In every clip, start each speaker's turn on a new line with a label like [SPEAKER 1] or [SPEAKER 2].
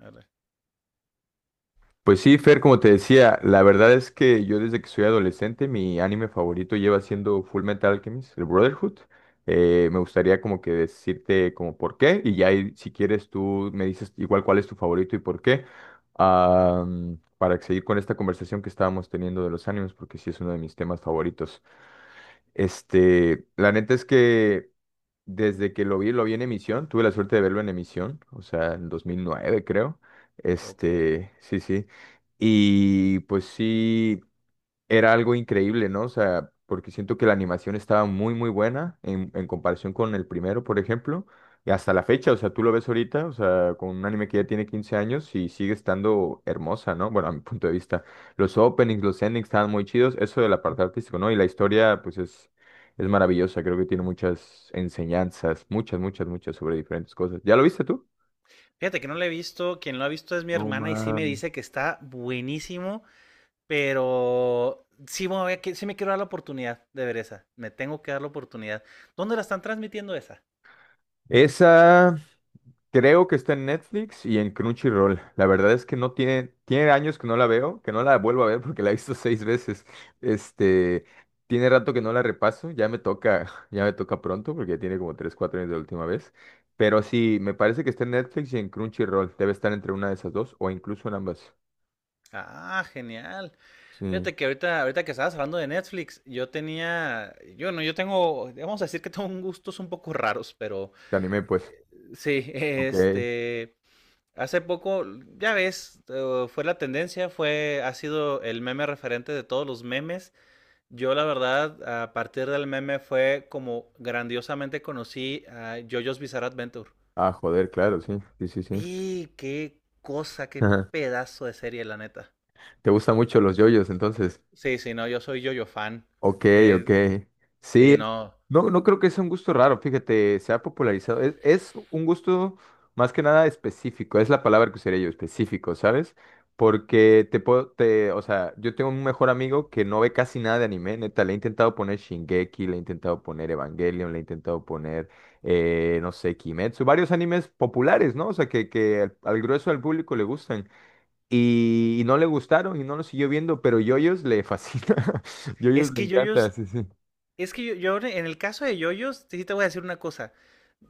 [SPEAKER 1] Arre.
[SPEAKER 2] Pues sí, Fer, como te decía, la verdad es que yo desde que soy adolescente mi anime favorito lleva siendo Full Metal Alchemist, el Brotherhood. Me gustaría como que decirte como por qué y ya ahí, si quieres tú me dices igual cuál es tu favorito y por qué. Para seguir con esta conversación que estábamos teniendo de los animes porque sí es uno de mis temas favoritos. La neta es que desde que lo vi en emisión, tuve la suerte de verlo en emisión, o sea, en 2009 creo.
[SPEAKER 1] Ok.
[SPEAKER 2] Este, sí, sí. Y pues sí, era algo increíble, ¿no? O sea, porque siento que la animación estaba muy buena en comparación con el primero, por ejemplo, y hasta la fecha, o sea, tú lo ves ahorita, o sea, con un anime que ya tiene 15 años y sigue estando hermosa, ¿no? Bueno, a mi punto de vista, los openings, los endings estaban muy chidos, eso del apartado artístico, ¿no? Y la historia, pues es maravillosa, creo que tiene muchas enseñanzas, muchas sobre diferentes cosas. ¿Ya lo viste tú?
[SPEAKER 1] Fíjate que no lo he visto. Quien lo ha visto es mi
[SPEAKER 2] No,
[SPEAKER 1] hermana y sí me
[SPEAKER 2] man.
[SPEAKER 1] dice que está buenísimo, pero sí, me voy a sí me quiero dar la oportunidad de ver esa. Me tengo que dar la oportunidad. ¿Dónde la están transmitiendo esa?
[SPEAKER 2] Esa, creo que está en Netflix y en Crunchyroll. La verdad es que no tiene, tiene años que no la veo, que no la vuelvo a ver porque la he visto 6 veces. Este, Tiene rato que no la repaso, ya me toca, ya me toca pronto porque ya tiene como tres, cuatro años de la última vez. Pero sí, me parece que está en Netflix y en Crunchyroll. Debe estar entre una de esas dos o incluso en ambas.
[SPEAKER 1] Ah, genial.
[SPEAKER 2] Sí,
[SPEAKER 1] Fíjate que ahorita, ahorita que estabas hablando de Netflix, yo tenía, yo no, yo tengo, vamos a decir que tengo un gustos un poco raros, pero
[SPEAKER 2] te animé pues.
[SPEAKER 1] eh, sí,
[SPEAKER 2] Ok.
[SPEAKER 1] hace poco, ya ves, fue la tendencia, fue, ha sido el meme referente de todos los memes. Yo, la verdad, a partir del meme fue como grandiosamente conocí a JoJo's Bizarre Adventure.
[SPEAKER 2] Ah, joder, claro, sí, sí, sí, sí.
[SPEAKER 1] Y qué cosa, qué
[SPEAKER 2] Ajá.
[SPEAKER 1] pedazo de serie, la neta.
[SPEAKER 2] ¿Te gustan mucho los yoyos entonces?
[SPEAKER 1] Sí, sí, no, yo soy JoJo fan.
[SPEAKER 2] Ok, ok.
[SPEAKER 1] Eh, sí,
[SPEAKER 2] Sí,
[SPEAKER 1] no.
[SPEAKER 2] no, no creo que sea un gusto raro, fíjate, se ha popularizado. Es un gusto más que nada específico, es la palabra que usaría yo, específico, ¿sabes? Porque te puedo, te, o sea, yo tengo un mejor amigo que no ve casi nada de anime, neta, le he intentado poner Shingeki, le he intentado poner Evangelion, le he intentado poner, no sé, Kimetsu, varios animes populares, ¿no? O sea, que al grueso del público le gustan. Y no le gustaron y no lo siguió viendo, pero Yoyos le fascina. Yoyos
[SPEAKER 1] Es
[SPEAKER 2] le
[SPEAKER 1] que
[SPEAKER 2] encanta,
[SPEAKER 1] JoJo's
[SPEAKER 2] sí, sí.
[SPEAKER 1] es que yo en el caso de Yoyos, sí te voy a decir una cosa.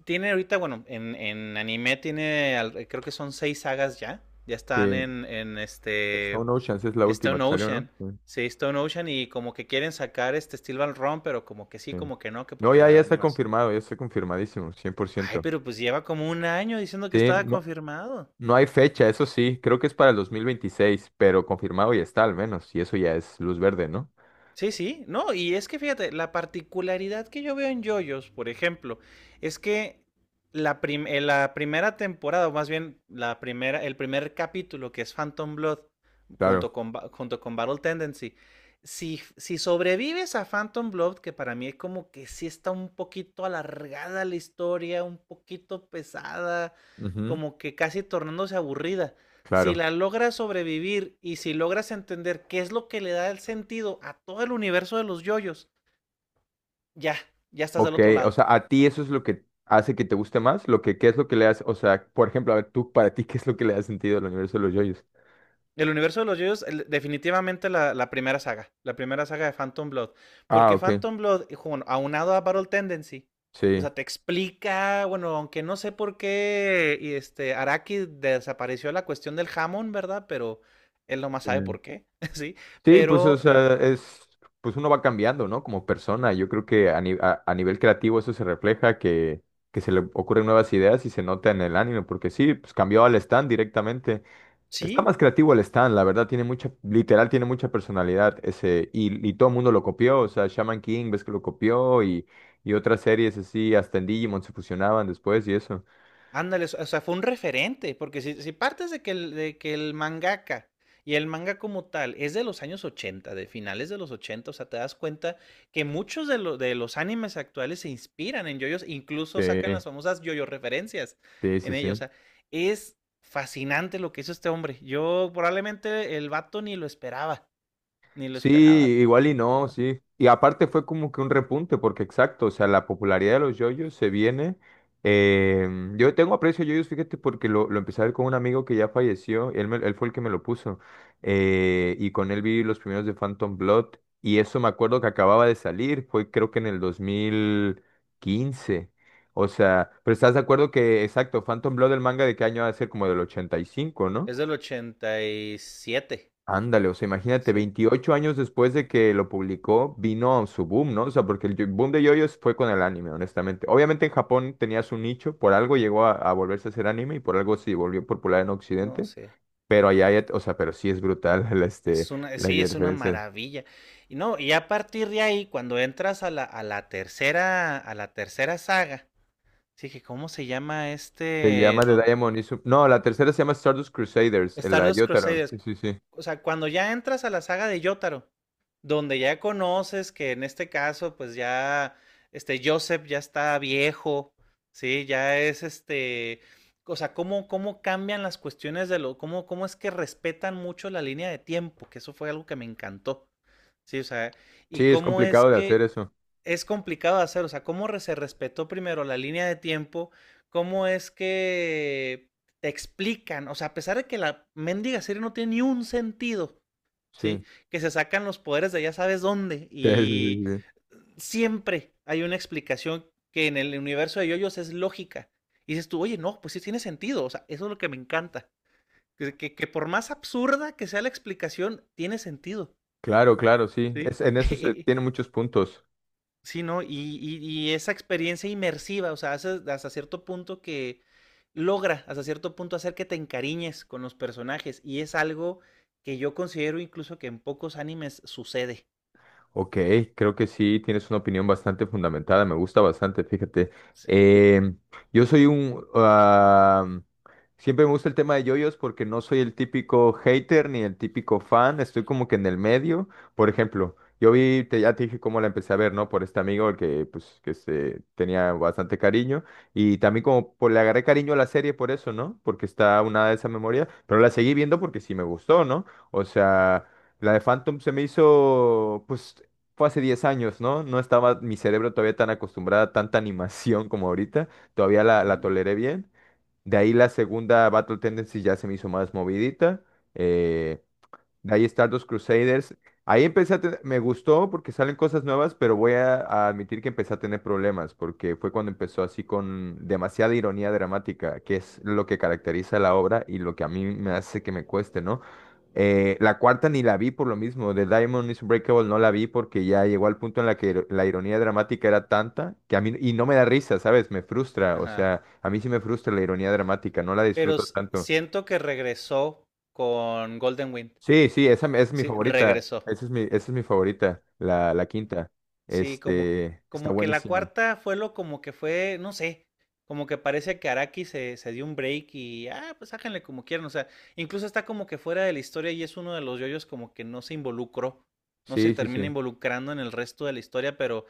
[SPEAKER 1] Tiene ahorita, bueno, en anime tiene, creo que son seis sagas ya. Ya están
[SPEAKER 2] Que
[SPEAKER 1] en este
[SPEAKER 2] Stone Oceans es la última
[SPEAKER 1] Stone
[SPEAKER 2] que salió, ¿no?
[SPEAKER 1] Ocean.
[SPEAKER 2] Sí,
[SPEAKER 1] Sí, Stone Ocean y como que quieren sacar este Steel Ball Run, pero como que sí,
[SPEAKER 2] sí.
[SPEAKER 1] como que no, que
[SPEAKER 2] No,
[SPEAKER 1] porque
[SPEAKER 2] ya, ya
[SPEAKER 1] la
[SPEAKER 2] está
[SPEAKER 1] animación.
[SPEAKER 2] confirmado, ya está confirmadísimo, cien por
[SPEAKER 1] Ay,
[SPEAKER 2] ciento
[SPEAKER 1] pero pues lleva como un año diciendo que
[SPEAKER 2] Sí,
[SPEAKER 1] estaba
[SPEAKER 2] no,
[SPEAKER 1] confirmado.
[SPEAKER 2] no hay fecha, eso sí, creo que es para el 2026 pero confirmado ya está al menos, y eso ya es luz verde, ¿no?
[SPEAKER 1] Sí, sí, no, y es que fíjate, la particularidad que yo veo en JoJo's, por ejemplo, es que la primera temporada, o más bien la primera, el primer capítulo que es Phantom Blood, junto
[SPEAKER 2] Claro,
[SPEAKER 1] con, junto con Battle Tendency, si sobrevives a Phantom Blood, que para mí es como que sí está un poquito alargada la historia, un poquito pesada,
[SPEAKER 2] ujú,
[SPEAKER 1] como que casi tornándose aburrida. Si
[SPEAKER 2] claro.
[SPEAKER 1] la logras sobrevivir y si logras entender qué es lo que le da el sentido a todo el universo de los yoyos, ya, ya estás del
[SPEAKER 2] Ok,
[SPEAKER 1] otro
[SPEAKER 2] o
[SPEAKER 1] lado.
[SPEAKER 2] sea, a ti eso es lo que hace que te guste más, lo que, ¿qué es lo que le hace? O sea, por ejemplo, a ver, tú, para ti, ¿qué es lo que le ha sentido al universo de los yoyos?
[SPEAKER 1] El universo de los yoyos, definitivamente la primera saga, la primera saga de Phantom Blood.
[SPEAKER 2] Ah,
[SPEAKER 1] Porque
[SPEAKER 2] ok.
[SPEAKER 1] Phantom Blood, bueno, aunado a Battle Tendency, o
[SPEAKER 2] Sí.
[SPEAKER 1] sea, te explica, bueno, aunque no sé por qué y Araki desapareció la cuestión del jamón, ¿verdad? Pero él nomás
[SPEAKER 2] Sí,
[SPEAKER 1] sabe por qué, ¿sí?
[SPEAKER 2] sí, pues o
[SPEAKER 1] Pero
[SPEAKER 2] sea, es, pues uno va cambiando, ¿no? Como persona. Yo creo que a, a nivel creativo eso se refleja, que se le ocurren nuevas ideas y se nota en el ánimo, porque sí, pues cambió al Stan directamente. Está
[SPEAKER 1] sí,
[SPEAKER 2] más creativo el Stan, la verdad, tiene mucha, literal, tiene mucha personalidad ese, y todo el mundo lo copió, o sea, Shaman King, ves que lo copió, y otras series así, hasta en Digimon se fusionaban después y eso.
[SPEAKER 1] ándale, o sea, fue un referente, porque si partes de que de que el mangaka y el manga como tal es de los años ochenta, de finales de los ochenta, o sea, te das cuenta que muchos de los animes actuales se inspiran en yoyos, incluso sacan
[SPEAKER 2] Sí,
[SPEAKER 1] las famosas yoyo referencias
[SPEAKER 2] sí,
[SPEAKER 1] en
[SPEAKER 2] sí,
[SPEAKER 1] ellos, o
[SPEAKER 2] sí.
[SPEAKER 1] sea, es fascinante lo que hizo este hombre. Yo probablemente el vato ni lo esperaba, ni lo
[SPEAKER 2] Sí,
[SPEAKER 1] esperaba.
[SPEAKER 2] igual y
[SPEAKER 1] O
[SPEAKER 2] no,
[SPEAKER 1] sea,
[SPEAKER 2] sí. Y aparte fue como que un repunte, porque exacto, o sea, la popularidad de los yoyos se viene. Yo tengo aprecio a yoyos, fíjate, porque lo empecé a ver con un amigo que ya falleció, él, él fue el que me lo puso. Y con él vi los primeros de Phantom Blood, y eso me acuerdo que acababa de salir, fue creo que en el 2015. O sea, pero estás de acuerdo que, exacto, Phantom Blood, el manga de qué año va a ser como del 85.
[SPEAKER 1] es del 87.
[SPEAKER 2] Ándale, o sea, imagínate,
[SPEAKER 1] Sí,
[SPEAKER 2] 28 años después de que lo publicó, vino su boom, ¿no? O sea, porque el boom de yoyos fue con el anime, honestamente. Obviamente en Japón tenía su nicho, por algo llegó a volverse a hacer anime y por algo se volvió popular en
[SPEAKER 1] no
[SPEAKER 2] Occidente,
[SPEAKER 1] sé.
[SPEAKER 2] pero allá, o sea, pero sí es brutal la, este,
[SPEAKER 1] Es una,
[SPEAKER 2] la
[SPEAKER 1] sí, es una
[SPEAKER 2] diferencia.
[SPEAKER 1] maravilla. Y no, y a partir de ahí, cuando entras a la tercera saga, sí que ¿cómo se llama
[SPEAKER 2] Se
[SPEAKER 1] este?
[SPEAKER 2] llama The
[SPEAKER 1] Don,
[SPEAKER 2] Diamond Is... No, la tercera se llama Stardust Crusaders, en la de
[SPEAKER 1] ¿Stardust
[SPEAKER 2] Yotaro.
[SPEAKER 1] Crusaders?
[SPEAKER 2] Sí, sí, sí.
[SPEAKER 1] O sea, cuando ya entras a la saga de Yotaro, donde ya conoces que en este caso, pues ya, Joseph ya está viejo, ¿sí? Ya es o sea, cómo, cómo cambian las cuestiones de lo, cómo, cómo es que respetan mucho la línea de tiempo, que eso fue algo que me encantó, ¿sí? O sea, y
[SPEAKER 2] Sí, es
[SPEAKER 1] cómo es
[SPEAKER 2] complicado de hacer
[SPEAKER 1] que
[SPEAKER 2] eso.
[SPEAKER 1] es complicado de hacer, o sea, se respetó primero la línea de tiempo, cómo es que te explican, o sea, a pesar de que la mendiga serie no tiene ni un sentido, ¿sí?
[SPEAKER 2] Sí.
[SPEAKER 1] Que se sacan los poderes de ya sabes dónde.
[SPEAKER 2] Sí, sí, sí,
[SPEAKER 1] Y
[SPEAKER 2] sí.
[SPEAKER 1] siempre hay una explicación que en el universo de yoyos es lógica. Y dices tú, oye, no, pues sí tiene sentido. O sea, eso es lo que me encanta. Que, que por más absurda que sea la explicación, tiene sentido,
[SPEAKER 2] Claro, claro, sí.
[SPEAKER 1] ¿sí?
[SPEAKER 2] Es, en eso se tiene muchos puntos.
[SPEAKER 1] Sí, ¿no? Y, esa experiencia inmersiva, o sea, hace, hasta cierto punto que logra, hasta cierto punto, hacer que te encariñes con los personajes. Y es algo que yo considero incluso que en pocos animes sucede.
[SPEAKER 2] Ok, creo que sí, tienes una opinión bastante fundamentada, me gusta bastante, fíjate.
[SPEAKER 1] Sí.
[SPEAKER 2] Em, yo soy un... ah, siempre me gusta el tema de yoyos porque no soy el típico hater ni el típico fan, estoy como que en el medio. Por ejemplo, yo vi, te, ya te dije cómo la empecé a ver, ¿no? Por este amigo el que, pues, que se tenía bastante cariño y también como por, le agarré cariño a la serie por eso, ¿no? Porque está una de esa memoria, pero la seguí viendo porque sí me gustó, ¿no? O
[SPEAKER 1] Uh -huh.
[SPEAKER 2] sea... La de Phantom se me hizo, pues fue hace 10 años, ¿no? No estaba mi cerebro todavía tan acostumbrada a tanta animación como ahorita. Todavía la
[SPEAKER 1] Ujú.
[SPEAKER 2] toleré bien. De ahí la segunda Battle Tendency ya se me hizo más movidita. eh, de ahí Stardust Crusaders. Ahí empecé a tener, me gustó porque salen cosas nuevas, pero voy a admitir que empecé a tener problemas, porque fue cuando empezó así con demasiada ironía dramática, que es lo que caracteriza la obra y lo que a mí me hace que me cueste, ¿no? La cuarta ni la vi por lo mismo, The Diamond is Unbreakable no la vi porque ya llegó al punto en la que la ironía dramática era tanta que a mí, y no me da risa, ¿sabes? Me frustra, o
[SPEAKER 1] Ajá.
[SPEAKER 2] sea, a mí sí me frustra la ironía dramática, no la
[SPEAKER 1] Pero
[SPEAKER 2] disfruto tanto.
[SPEAKER 1] siento que regresó con Golden Wind.
[SPEAKER 2] Sí, sí, esa es mi
[SPEAKER 1] Sí,
[SPEAKER 2] favorita.
[SPEAKER 1] regresó.
[SPEAKER 2] Esa es mi favorita, la quinta.
[SPEAKER 1] Sí, como,
[SPEAKER 2] Este, está
[SPEAKER 1] como que la
[SPEAKER 2] buenísima.
[SPEAKER 1] cuarta fue lo como que fue, no sé, como que parece que Araki se dio un break y, ah, pues háganle como quieran. O sea, incluso está como que fuera de la historia y es uno de los yoyos como que no se involucró, no se
[SPEAKER 2] Sí, sí,
[SPEAKER 1] termina
[SPEAKER 2] sí.
[SPEAKER 1] involucrando en el resto de la historia, pero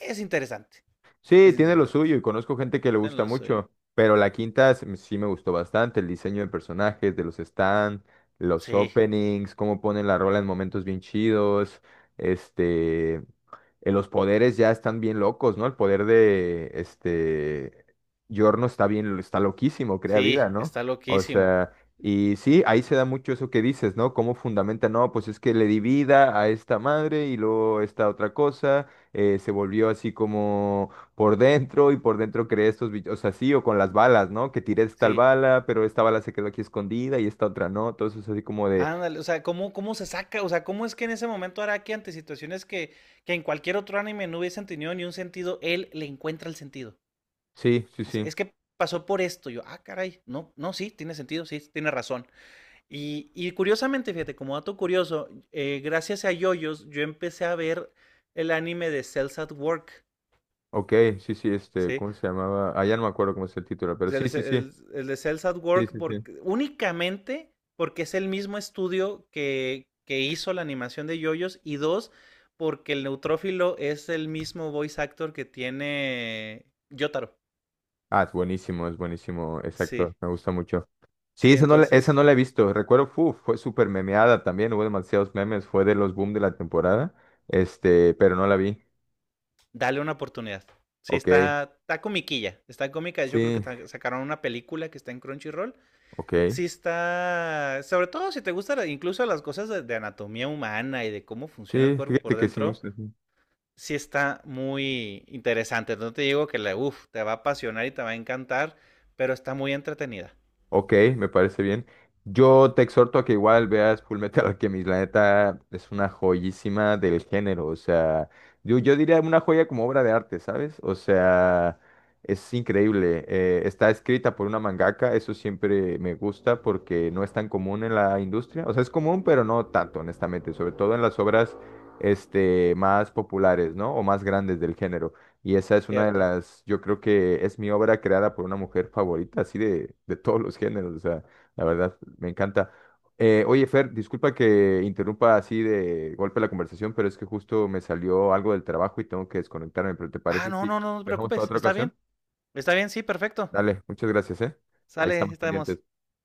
[SPEAKER 1] es interesante,
[SPEAKER 2] Sí,
[SPEAKER 1] es
[SPEAKER 2] tiene lo
[SPEAKER 1] interesante.
[SPEAKER 2] suyo y conozco gente que le
[SPEAKER 1] Ten
[SPEAKER 2] gusta
[SPEAKER 1] lo suyo.
[SPEAKER 2] mucho, pero la quinta sí me gustó bastante, el
[SPEAKER 1] Sí,
[SPEAKER 2] diseño de personajes, de los stands, los
[SPEAKER 1] sí,
[SPEAKER 2] openings, cómo ponen la rola en momentos bien chidos, este, los poderes ya están bien locos, ¿no? El poder de, este, Yorno está bien, está loquísimo, crea vida,
[SPEAKER 1] sí,
[SPEAKER 2] ¿no?
[SPEAKER 1] está
[SPEAKER 2] O
[SPEAKER 1] loquísimo.
[SPEAKER 2] sea, y sí, ahí se da mucho eso que dices, ¿no? Cómo fundamenta, no, pues es que le di vida a esta madre y luego esta otra cosa, se volvió así como por dentro y por dentro creé estos bichos, o sea, sí, o con las balas, ¿no? Que tiré tal
[SPEAKER 1] Sí.
[SPEAKER 2] bala, pero esta bala se quedó aquí escondida y esta otra no, todo entonces así como de,
[SPEAKER 1] Ándale, o sea, ¿cómo, cómo se saca? O sea, ¿cómo es que en ese momento Araki, ante situaciones que en cualquier otro anime no hubiesen tenido ni un sentido, él le encuentra el sentido?
[SPEAKER 2] sí, sí,
[SPEAKER 1] Dice,
[SPEAKER 2] sí,
[SPEAKER 1] es que pasó por esto. Yo, ah, caray, no, no, sí, tiene sentido, sí, tiene razón. Y curiosamente, fíjate, como dato curioso, gracias a Yoyos, yo empecé a ver el anime de Cells at Work,
[SPEAKER 2] ok, sí, sí, este,
[SPEAKER 1] ¿sí?
[SPEAKER 2] ¿cómo se llamaba? Ah, ya no me acuerdo cómo es el título, pero sí, sí, sí,
[SPEAKER 1] El de Cells at
[SPEAKER 2] sí,
[SPEAKER 1] Work,
[SPEAKER 2] sí, sí.
[SPEAKER 1] porque, únicamente porque es el mismo estudio que hizo la animación de Yoyos, y dos, porque el neutrófilo es el mismo voice actor que tiene Yotaro.
[SPEAKER 2] Ah, es buenísimo, exacto,
[SPEAKER 1] Sí,
[SPEAKER 2] me gusta mucho. Sí,
[SPEAKER 1] sí,
[SPEAKER 2] esa no, esa no
[SPEAKER 1] entonces,
[SPEAKER 2] la he visto, recuerdo, fue súper memeada también, hubo demasiados memes, fue de los boom de la temporada, este, pero no la vi,
[SPEAKER 1] dale una oportunidad. Sí,
[SPEAKER 2] ok,
[SPEAKER 1] está, está comiquilla, está cómica. Yo creo
[SPEAKER 2] sí,
[SPEAKER 1] que sacaron una película que está en Crunchyroll.
[SPEAKER 2] ok,
[SPEAKER 1] Sí está, sobre todo si te gustan incluso las cosas anatomía humana y de cómo funciona el
[SPEAKER 2] sí,
[SPEAKER 1] cuerpo
[SPEAKER 2] fíjate
[SPEAKER 1] por
[SPEAKER 2] que sí me
[SPEAKER 1] dentro,
[SPEAKER 2] gusta. Sí.
[SPEAKER 1] sí está muy interesante. No te digo que la, uff, te va a apasionar y te va a encantar, pero está muy entretenida,
[SPEAKER 2] Ok, me parece bien. Yo te exhorto a que igual veas Full Metal Alchemist, la neta es una joyísima del género, o sea, yo diría una joya como obra de arte, ¿sabes? O sea, es increíble. Está escrita por una mangaka, eso siempre me gusta porque no es tan común en la industria, o sea, es común, pero no tanto, honestamente, sobre todo en las obras este, más populares, ¿no? O más grandes del género. Y esa es una de
[SPEAKER 1] ¿cierto?
[SPEAKER 2] las, yo creo que es mi obra creada por una mujer favorita, así de todos los géneros, o sea, la verdad, me encanta. Oye, Fer, disculpa que interrumpa así de golpe la conversación, pero es que justo me salió algo del trabajo y tengo que desconectarme, pero ¿te
[SPEAKER 1] Ah,
[SPEAKER 2] parece
[SPEAKER 1] no,
[SPEAKER 2] si lo
[SPEAKER 1] no, no, no te
[SPEAKER 2] dejamos para
[SPEAKER 1] preocupes,
[SPEAKER 2] otra ocasión?
[SPEAKER 1] está bien, sí, perfecto.
[SPEAKER 2] Dale, muchas gracias, ¿eh? Ahí
[SPEAKER 1] Sale,
[SPEAKER 2] estamos pendientes.
[SPEAKER 1] estamos.